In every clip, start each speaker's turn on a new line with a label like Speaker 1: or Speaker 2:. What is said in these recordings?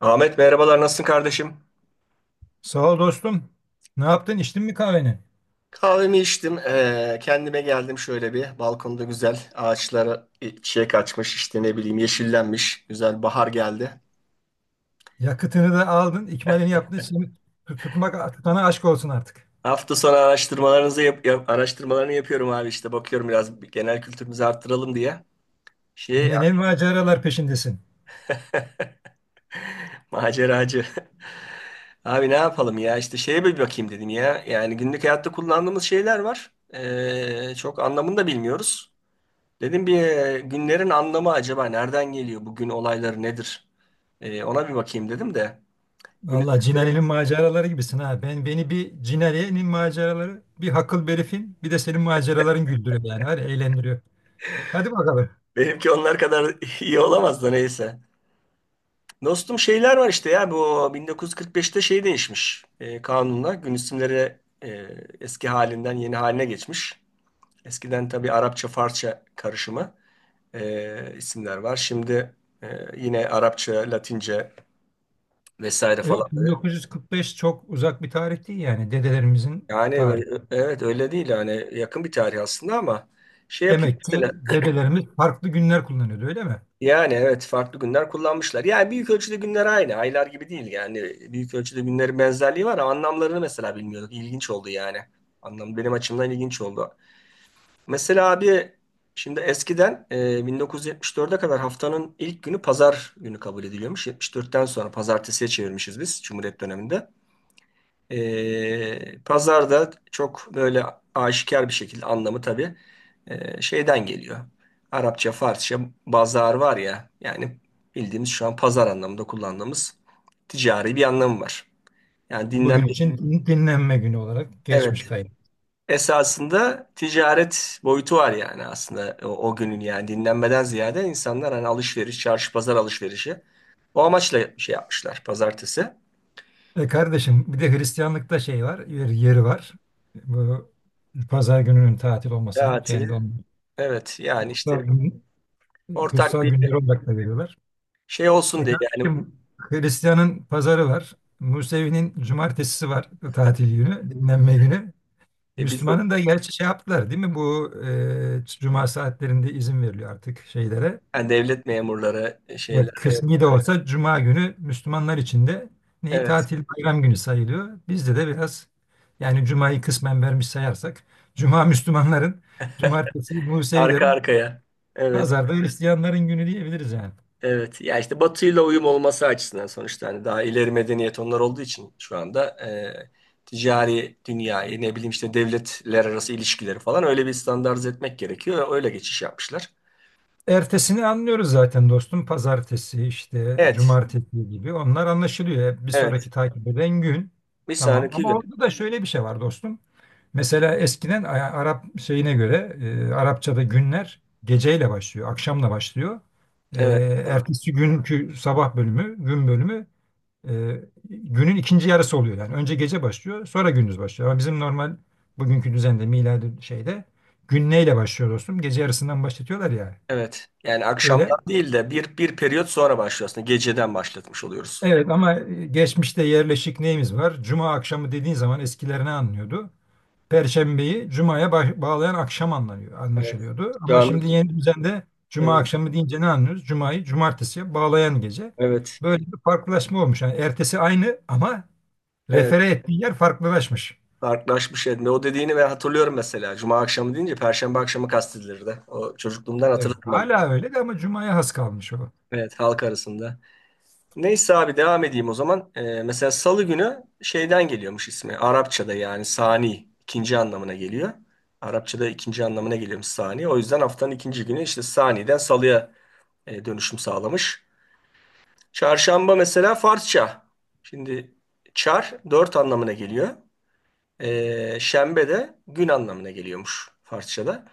Speaker 1: Ahmet, merhabalar, nasılsın kardeşim?
Speaker 2: Sağ ol dostum. Ne yaptın? İçtin mi kahveni?
Speaker 1: Kahvemi içtim. Kendime geldim şöyle bir. Balkonda güzel, ağaçlara çiçek açmış, işte ne bileyim, yeşillenmiş. Güzel, bahar geldi.
Speaker 2: Yakıtını da aldın, ikmalini yaptın. Şimdi tutmak tutana aşk olsun artık.
Speaker 1: Hafta sonu araştırmalarını yapıyorum abi, işte bakıyorum, biraz genel kültürümüzü arttıralım diye. Şey
Speaker 2: Yine ne maceralar peşindesin.
Speaker 1: maceracı. Abi ne yapalım ya, işte şeye bir bakayım dedim ya. Yani günlük hayatta kullandığımız şeyler var. Çok anlamını da bilmiyoruz. Dedim bir günlerin anlamı acaba nereden geliyor? Bugün olayları nedir? Ona bir bakayım dedim de. Gün-
Speaker 2: Vallahi Cinali'nin maceraları gibisin ha. Ben beni bir Cinali'nin maceraları, bir Hakıl Berif'in, bir de senin maceraların güldürüyor yani. Hadi eğlendiriyor. Hadi bakalım.
Speaker 1: Benimki onlar kadar iyi olamaz da neyse. Dostum şeyler var işte ya, bu 1945'te şey değişmiş kanunla. Gün isimleri eski halinden yeni haline geçmiş. Eskiden tabii Arapça, Farsça karışımı isimler var. Şimdi e, yine Arapça, Latince vesaire falan.
Speaker 2: Evet, 1945 çok uzak bir tarih değil, yani dedelerimizin
Speaker 1: Yani
Speaker 2: tarihi.
Speaker 1: evet, öyle değil yani, yakın bir tarih aslında ama şey yapayım
Speaker 2: Demek ki
Speaker 1: mesela.
Speaker 2: dedelerimiz farklı günler kullanıyordu, öyle mi?
Speaker 1: Yani evet, farklı günler kullanmışlar. Yani büyük ölçüde günler, aynı aylar gibi değil yani, büyük ölçüde günlerin benzerliği var ama anlamlarını mesela bilmiyorduk, ilginç oldu yani. Anlam benim açımdan ilginç oldu. Mesela abi, şimdi eskiden 1974'e kadar haftanın ilk günü pazar günü kabul ediliyormuş, 74'ten sonra pazartesiye çevirmişiz biz Cumhuriyet döneminde. Pazarda çok böyle aşikar bir şekilde anlamı tabii şeyden geliyor. Arapça, Farsça, bazar var ya yani, bildiğimiz şu an pazar anlamında kullandığımız, ticari bir anlamı var. Yani dinlenme,
Speaker 2: Bugün için dinlenme günü olarak geçmiş.
Speaker 1: evet, esasında ticaret boyutu var yani aslında o, o günün, yani dinlenmeden ziyade insanlar hani alışveriş, çarşı pazar alışverişi, o amaçla şey yapmışlar, pazartesi.
Speaker 2: E kardeşim, bir de Hristiyanlıkta şey var, yeri var. Bu pazar gününün tatil olmasını
Speaker 1: Tatili.
Speaker 2: kendi
Speaker 1: Evet yani işte,
Speaker 2: kutsal gün,
Speaker 1: ortak
Speaker 2: kutsal
Speaker 1: bir
Speaker 2: günleri olarak da veriyorlar.
Speaker 1: şey olsun
Speaker 2: E
Speaker 1: diye yani.
Speaker 2: kardeşim, Hristiyan'ın pazarı var. Musevi'nin cumartesisi var, tatil günü, dinlenme günü.
Speaker 1: Biz de
Speaker 2: Müslüman'ın da gerçi şey yaptılar değil mi? Bu cuma saatlerinde izin veriliyor artık şeylere.
Speaker 1: yani devlet memurları şeyler.
Speaker 2: Evet, kısmi de olsa Cuma günü Müslümanlar için de neyi
Speaker 1: Evet.
Speaker 2: tatil bayram günü sayılıyor. Bizde de biraz yani Cuma'yı kısmen vermiş sayarsak, Cuma Müslümanların, Cumartesi
Speaker 1: Arka
Speaker 2: Musevilerin,
Speaker 1: arkaya. Evet.
Speaker 2: Pazarda Hristiyanların günü diyebiliriz yani.
Speaker 1: Evet. Ya işte Batı'yla uyum olması açısından, sonuçta hani daha ileri medeniyet onlar olduğu için şu anda ticari dünyayı ne bileyim, işte devletler arası ilişkileri falan, öyle bir standartize etmek gerekiyor. Öyle geçiş yapmışlar.
Speaker 2: Ertesini anlıyoruz zaten dostum. Pazartesi işte
Speaker 1: Evet.
Speaker 2: Cumartesi gibi onlar anlaşılıyor. Bir
Speaker 1: Evet.
Speaker 2: sonraki takip eden gün,
Speaker 1: Bir
Speaker 2: tamam,
Speaker 1: sonraki
Speaker 2: ama
Speaker 1: gün.
Speaker 2: orada da şöyle bir şey var dostum. Mesela eskiden Arap şeyine göre Arapçada günler geceyle başlıyor, akşamla başlıyor. E,
Speaker 1: Evet. Doğru.
Speaker 2: Ertesi günkü sabah bölümü, gün bölümü, e, günün ikinci yarısı oluyor. Yani önce gece başlıyor, sonra gündüz başlıyor. Ama bizim normal bugünkü düzende, miladi şeyde, gün neyle başlıyor dostum? Gece yarısından başlatıyorlar ya.
Speaker 1: Evet. Yani akşamdan
Speaker 2: Öyle.
Speaker 1: değil de bir periyot sonra başlıyorsun. Geceden başlatmış oluyoruz.
Speaker 2: Evet ama geçmişte yerleşik neyimiz var? Cuma akşamı dediğin zaman eskiler ne anlıyordu? Perşembeyi Cuma'ya bağlayan akşam anlanıyor,
Speaker 1: Evet.
Speaker 2: anlaşılıyordu.
Speaker 1: Şu
Speaker 2: Ama
Speaker 1: anda,
Speaker 2: şimdi yeni düzende Cuma
Speaker 1: evet.
Speaker 2: akşamı deyince ne anlıyoruz? Cuma'yı Cumartesi'ye bağlayan gece.
Speaker 1: Evet.
Speaker 2: Böyle bir farklılaşma olmuş. Yani ertesi aynı ama
Speaker 1: Evet,
Speaker 2: refere ettiği yer farklılaşmış.
Speaker 1: farklılaşmış yerinde. O dediğini ben hatırlıyorum mesela. Cuma akşamı deyince Perşembe akşamı kastedilirdi. O çocukluğumdan
Speaker 2: Evet.
Speaker 1: hatırlarım ben.
Speaker 2: Hala öyle de, ama Cuma'ya has kalmış o.
Speaker 1: Evet, halk arasında. Neyse abi, devam edeyim o zaman. Mesela Salı günü şeyden geliyormuş ismi. Arapçada yani sani, ikinci anlamına geliyor. Arapçada ikinci anlamına geliyormuş sani. O yüzden haftanın ikinci günü işte saniden salıya dönüşüm sağlamış. Çarşamba mesela Farsça. Şimdi çar, dört anlamına geliyor. Şembe de gün anlamına geliyormuş Farsça'da.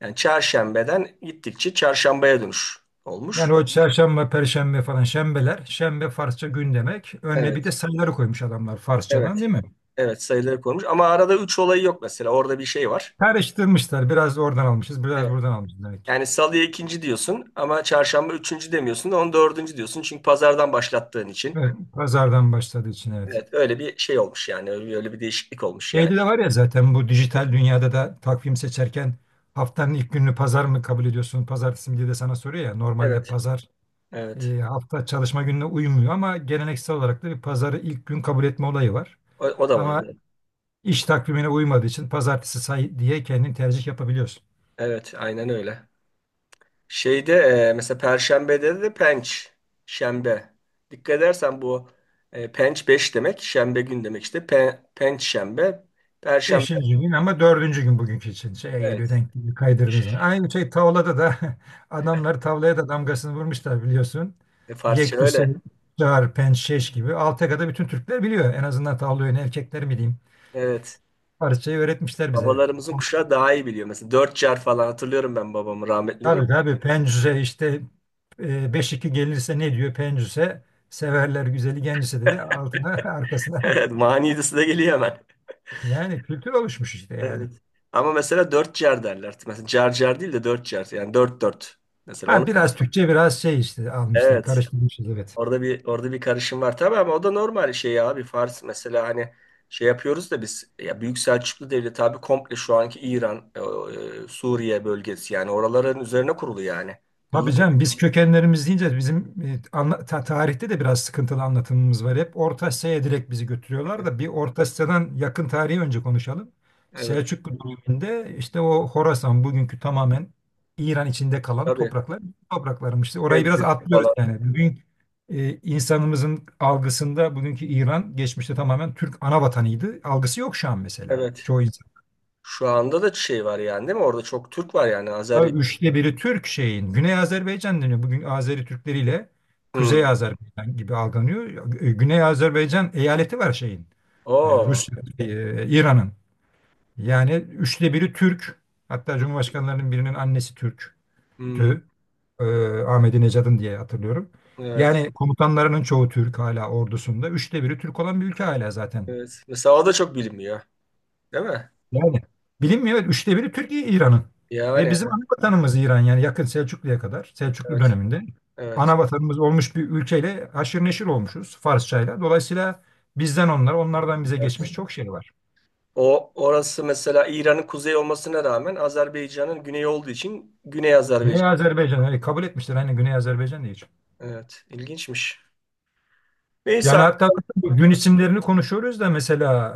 Speaker 1: Yani çarşembeden gittikçe çarşambaya dönüş olmuş.
Speaker 2: Yani o çarşamba, perşembe falan şembeler. Şembe Farsça gün demek. Önüne bir de
Speaker 1: Evet,
Speaker 2: sayıları koymuş adamlar
Speaker 1: evet,
Speaker 2: Farsçadan, değil mi?
Speaker 1: evet, sayıları konmuş. Ama arada üç olayı yok mesela. Orada bir şey var.
Speaker 2: Karıştırmışlar. Biraz oradan almışız, biraz
Speaker 1: Evet.
Speaker 2: buradan almışız demek.
Speaker 1: Yani salıya ikinci diyorsun ama çarşamba üçüncü demiyorsun da onu dördüncü diyorsun. Çünkü pazardan başlattığın için.
Speaker 2: Evet, pazardan başladığı için, evet.
Speaker 1: Evet, öyle bir şey olmuş yani. Öyle, öyle bir değişiklik olmuş yani.
Speaker 2: Şeyde de var ya zaten, bu dijital dünyada da takvim seçerken haftanın ilk gününü pazar mı kabul ediyorsun, pazartesi mi diye de sana soruyor ya. Normalde
Speaker 1: Evet.
Speaker 2: pazar
Speaker 1: Evet.
Speaker 2: hafta çalışma gününe uymuyor ama geleneksel olarak da bir pazarı ilk gün kabul etme olayı var.
Speaker 1: O, o da
Speaker 2: Ama
Speaker 1: vardı.
Speaker 2: iş takvimine uymadığı için pazartesi say diye kendin tercih yapabiliyorsun.
Speaker 1: Evet, aynen öyle. Şeyde mesela Perşembe'de de penç, şembe. Dikkat edersen bu penç 5 demek, şembe gün demek işte. Pe, penç şembe, Perşembe,
Speaker 2: Beşinci gün ama dördüncü gün bugünkü için şeye geliyor,
Speaker 1: evet.
Speaker 2: denk geliyor, kaydırdığınız zaman. Aynı şey tavlada da adamlar tavlaya da damgasını vurmuşlar, biliyorsun.
Speaker 1: Farsça
Speaker 2: Yekdüse,
Speaker 1: öyle.
Speaker 2: Çağır, Pençeş gibi Alteka'da bütün Türkler biliyor. En azından tavla oyunu erkekler mi diyeyim.
Speaker 1: Evet.
Speaker 2: Parçayı öğretmişler bize.
Speaker 1: Babalarımızın kuşağı daha iyi biliyor. Mesela dört car falan hatırlıyorum ben babamı rahmetlinin.
Speaker 2: Tabii tabii, Pencüse işte, 5-2 gelirse ne diyor Pencüse? Severler güzeli gencise dedi altına arkasına.
Speaker 1: Evet, manidası da geliyor hemen.
Speaker 2: Yani kültür oluşmuş işte yani.
Speaker 1: Evet. Ama mesela dört car derler. Mesela car car değil de dört car. Yani dört dört. Mesela onu.
Speaker 2: Ha, biraz Türkçe biraz şey işte almışlar,
Speaker 1: Evet.
Speaker 2: karıştırmışız, evet.
Speaker 1: Orada bir karışım var tabii ama o da normal şey abi, Fars mesela hani şey yapıyoruz da biz ya, Büyük Selçuklu Devleti abi, komple şu anki İran, Suriye bölgesi, yani oraların üzerine kurulu yani. Yıllar,
Speaker 2: Tabii canım, biz kökenlerimiz deyince bizim tarihte de biraz sıkıntılı anlatımımız var. Hep Orta Asya'ya direkt bizi götürüyorlar da bir Orta Asya'dan yakın tarihi önce konuşalım.
Speaker 1: evet,
Speaker 2: Selçuklu döneminde işte o Horasan bugünkü tamamen İran içinde kalan
Speaker 1: tabii
Speaker 2: topraklar topraklarmış. Orayı biraz
Speaker 1: Tebriz
Speaker 2: atlıyoruz
Speaker 1: falan,
Speaker 2: yani. Bugün insanımızın algısında bugünkü İran geçmişte tamamen Türk ana vatanıydı. Algısı yok şu an mesela.
Speaker 1: evet.
Speaker 2: Çoğu.
Speaker 1: Şu anda da şey var yani, değil mi? Orada çok Türk var yani,
Speaker 2: Ya
Speaker 1: Azeri.
Speaker 2: üçte biri Türk şeyin. Güney Azerbaycan deniyor. Bugün Azeri Türkleriyle Kuzey
Speaker 1: Hmm.
Speaker 2: Azerbaycan gibi algılanıyor. Güney Azerbaycan eyaleti var şeyin. E,
Speaker 1: Oo.
Speaker 2: Rusya, İran'ın. Yani üçte biri Türk. Hatta Cumhurbaşkanlarının birinin annesi Türk'tü.
Speaker 1: Hmm.
Speaker 2: E, Ahmedi Necadın diye hatırlıyorum.
Speaker 1: Evet.
Speaker 2: Yani komutanlarının çoğu Türk hala ordusunda. Üçte biri Türk olan bir ülke hala zaten.
Speaker 1: Evet. Mesela o da çok bilinmiyor, değil mi?
Speaker 2: Yani bilinmiyor. Evet, üçte biri Türkiye, İran'ın.
Speaker 1: Yani
Speaker 2: Ve bizim
Speaker 1: evet.
Speaker 2: ana vatanımız İran yani, yakın Selçuklu'ya kadar, Selçuklu döneminde
Speaker 1: Evet.
Speaker 2: ana vatanımız olmuş bir ülkeyle haşır neşir olmuşuz Farsçayla. Dolayısıyla bizden onlar, onlardan bize
Speaker 1: Evet.
Speaker 2: geçmiş çok şey var.
Speaker 1: O, orası mesela İran'ın kuzey olmasına rağmen Azerbaycan'ın güneyi olduğu için Güney
Speaker 2: Güney
Speaker 1: Azerbaycan.
Speaker 2: Azerbaycan hani kabul etmişler. Hani Güney Azerbaycan diye.
Speaker 1: Evet, ilginçmiş. Neyse,
Speaker 2: Yani hatta gün isimlerini konuşuyoruz da mesela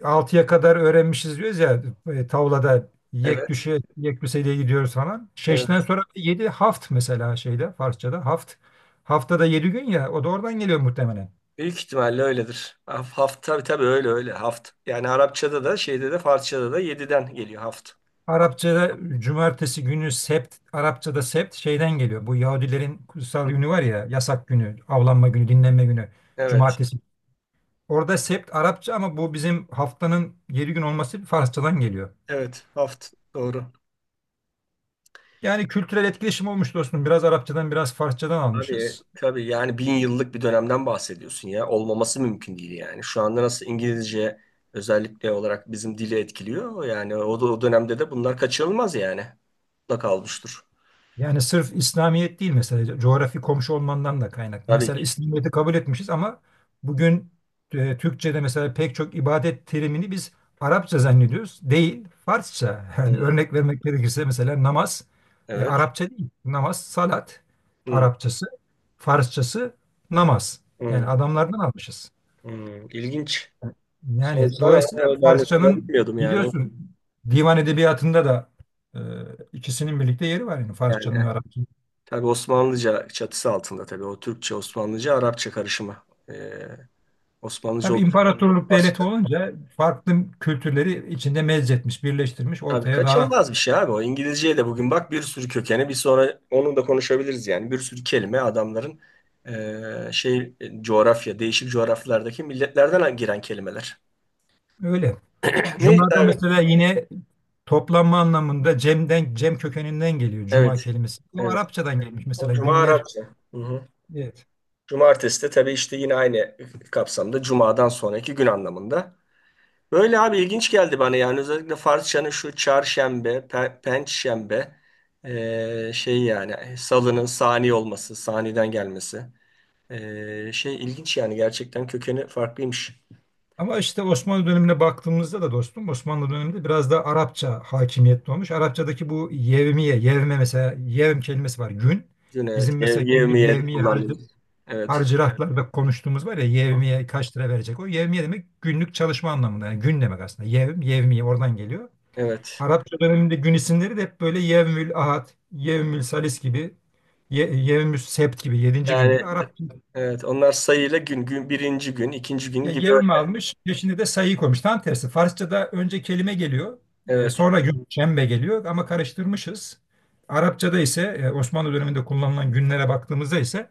Speaker 2: 6'ya kadar öğrenmişiz diyoruz ya, tavlada yek
Speaker 1: evet.
Speaker 2: düşe yek düseliğe gidiyoruz falan. Şeşten
Speaker 1: Evet.
Speaker 2: sonra 7 haft mesela, şeyde Farsçada haft. Haftada 7 gün ya, o da oradan geliyor muhtemelen.
Speaker 1: Büyük ihtimalle öyledir. Haft, tabii tabii, öyle öyle haft. Yani Arapçada da, şeyde de, Farsçada da yediden geliyor haft.
Speaker 2: Arapçada cumartesi günü sept, Arapçada sept şeyden geliyor. Bu Yahudilerin kutsal günü var ya, yasak günü, avlanma günü, dinlenme günü
Speaker 1: Evet.
Speaker 2: cumartesi. Orada sept Arapça ama bu bizim haftanın 7 gün olması Farsçadan geliyor.
Speaker 1: Evet, haft, doğru.
Speaker 2: Yani kültürel etkileşim olmuş dostum. Biraz Arapçadan, biraz Farsçadan
Speaker 1: Tabii,
Speaker 2: almışız.
Speaker 1: tabii yani bin yıllık bir dönemden bahsediyorsun ya. Olmaması mümkün değil yani. Şu anda nasıl İngilizce özellikle olarak bizim dili etkiliyor. Yani o, o dönemde de bunlar kaçınılmaz yani. Mutlaka olmuştur.
Speaker 2: Yani sırf İslamiyet değil mesela, coğrafi komşu olmandan da kaynaklı.
Speaker 1: Tabii
Speaker 2: Mesela
Speaker 1: ki.
Speaker 2: İslamiyet'i kabul etmişiz ama bugün Türkçe'de mesela pek çok ibadet terimini biz Arapça zannediyoruz. Değil, Farsça. Yani
Speaker 1: Hmm,
Speaker 2: örnek vermek gerekirse mesela namaz
Speaker 1: evet.
Speaker 2: Arapça değil. Namaz, salat
Speaker 1: Hmm,
Speaker 2: Arapçası, Farsçası namaz. Yani
Speaker 1: hmm,
Speaker 2: adamlardan almışız.
Speaker 1: hmm. İlginç.
Speaker 2: Yani
Speaker 1: Sorsana
Speaker 2: dolayısıyla
Speaker 1: ama ben
Speaker 2: Farsçanın
Speaker 1: bilmiyordum yani. O-
Speaker 2: biliyorsun, divan edebiyatında da e, ikisinin birlikte yeri var, yani Farsçanın ve
Speaker 1: Yani
Speaker 2: Arapçanın.
Speaker 1: tabii Osmanlıca çatısı altında tabii. O Türkçe, Osmanlıca, Arapça karışımı. Ee, Osmanlıca
Speaker 2: Tabii imparatorluk
Speaker 1: olması.
Speaker 2: devleti olunca farklı kültürleri içinde mezzetmiş, birleştirmiş
Speaker 1: Tabii
Speaker 2: ortaya daha.
Speaker 1: kaçınılmaz bir şey abi o. İngilizceye de bugün bak bir sürü kökeni, bir sonra onu da konuşabiliriz yani. Bir sürü kelime adamların coğrafya, değişik coğrafyalardaki milletlerden giren kelimeler.
Speaker 2: Öyle.
Speaker 1: Neyse
Speaker 2: Cuma'da
Speaker 1: abi.
Speaker 2: mesela yine toplanma anlamında cemden, cem kökeninden geliyor cuma
Speaker 1: Evet.
Speaker 2: kelimesi. O
Speaker 1: Evet.
Speaker 2: Arapçadan gelmiş
Speaker 1: O
Speaker 2: mesela
Speaker 1: Cuma
Speaker 2: günler.
Speaker 1: Arapça. Hı hı.
Speaker 2: e,
Speaker 1: Cumartesi de tabii işte, yine aynı kapsamda, Cuma'dan sonraki gün anlamında. Böyle abi, ilginç geldi bana yani özellikle Farsçanın şu çarşembe, pençşembe, yani salının sani olması, saniden gelmesi. İlginç yani, gerçekten kökeni farklıymış.
Speaker 2: Ama işte Osmanlı dönemine baktığımızda da dostum, Osmanlı döneminde biraz da Arapça hakimiyetli olmuş. Arapçadaki bu yevmiye, yevme, mesela yevm kelimesi var, gün.
Speaker 1: Yine evet.
Speaker 2: Bizim mesela günlük
Speaker 1: Yevmiye
Speaker 2: yevmiye harcı, evet,
Speaker 1: kullandığımız. Evet.
Speaker 2: harcırahlarda konuştuğumuz var ya, yevmiye kaç lira verecek. O yevmiye demek günlük çalışma anlamında, yani gün demek aslında. Yevm, yevmiye oradan geliyor.
Speaker 1: Evet.
Speaker 2: Arapça döneminde gün isimleri de hep böyle yevmül ahad, yevmül salis gibi, yevmül sebt gibi, yedinci gün gibi,
Speaker 1: Yani
Speaker 2: Arap.
Speaker 1: evet, onlar sayıyla gün gün, birinci gün, ikinci gün
Speaker 2: Ya
Speaker 1: gibi.
Speaker 2: Yevm almış, peşine de sayıyı koymuş. Tam tersi. Farsça'da önce kelime geliyor,
Speaker 1: Evet.
Speaker 2: sonra gün, şembe geliyor, ama karıştırmışız. Arapça'da ise Osmanlı döneminde kullanılan günlere baktığımızda ise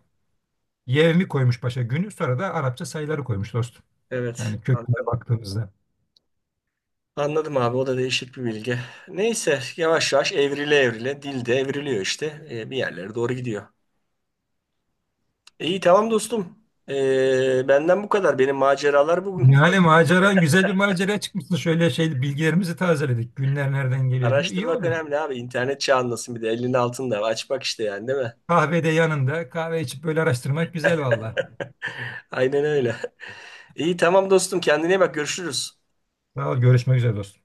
Speaker 2: yevmi koymuş başa, günü, sonra da Arapça sayıları koymuş dostum.
Speaker 1: Evet.
Speaker 2: Yani köküne
Speaker 1: Anladım.
Speaker 2: baktığımızda.
Speaker 1: Anladım abi, o da değişik bir bilgi. Neyse, yavaş yavaş, evrile evrile dil de evriliyor işte. Bir yerlere doğru gidiyor. İyi, tamam dostum. Benden bu kadar. Benim maceralar bugün bu
Speaker 2: Yani
Speaker 1: kadar.
Speaker 2: maceran güzel bir maceraya çıkmışsın. Şöyle şey bilgilerimizi tazeledik. Günler nereden geliyor diye. İyi
Speaker 1: Araştırmak
Speaker 2: oldu.
Speaker 1: önemli abi. İnternet çağındasın bir de, elinin altında. Aç bak işte yani, değil mi?
Speaker 2: Kahvede yanında kahve içip böyle araştırmak güzel valla.
Speaker 1: Aynen öyle. İyi, tamam dostum, kendine iyi bak, görüşürüz.
Speaker 2: Sağ ol, görüşmek üzere dostum.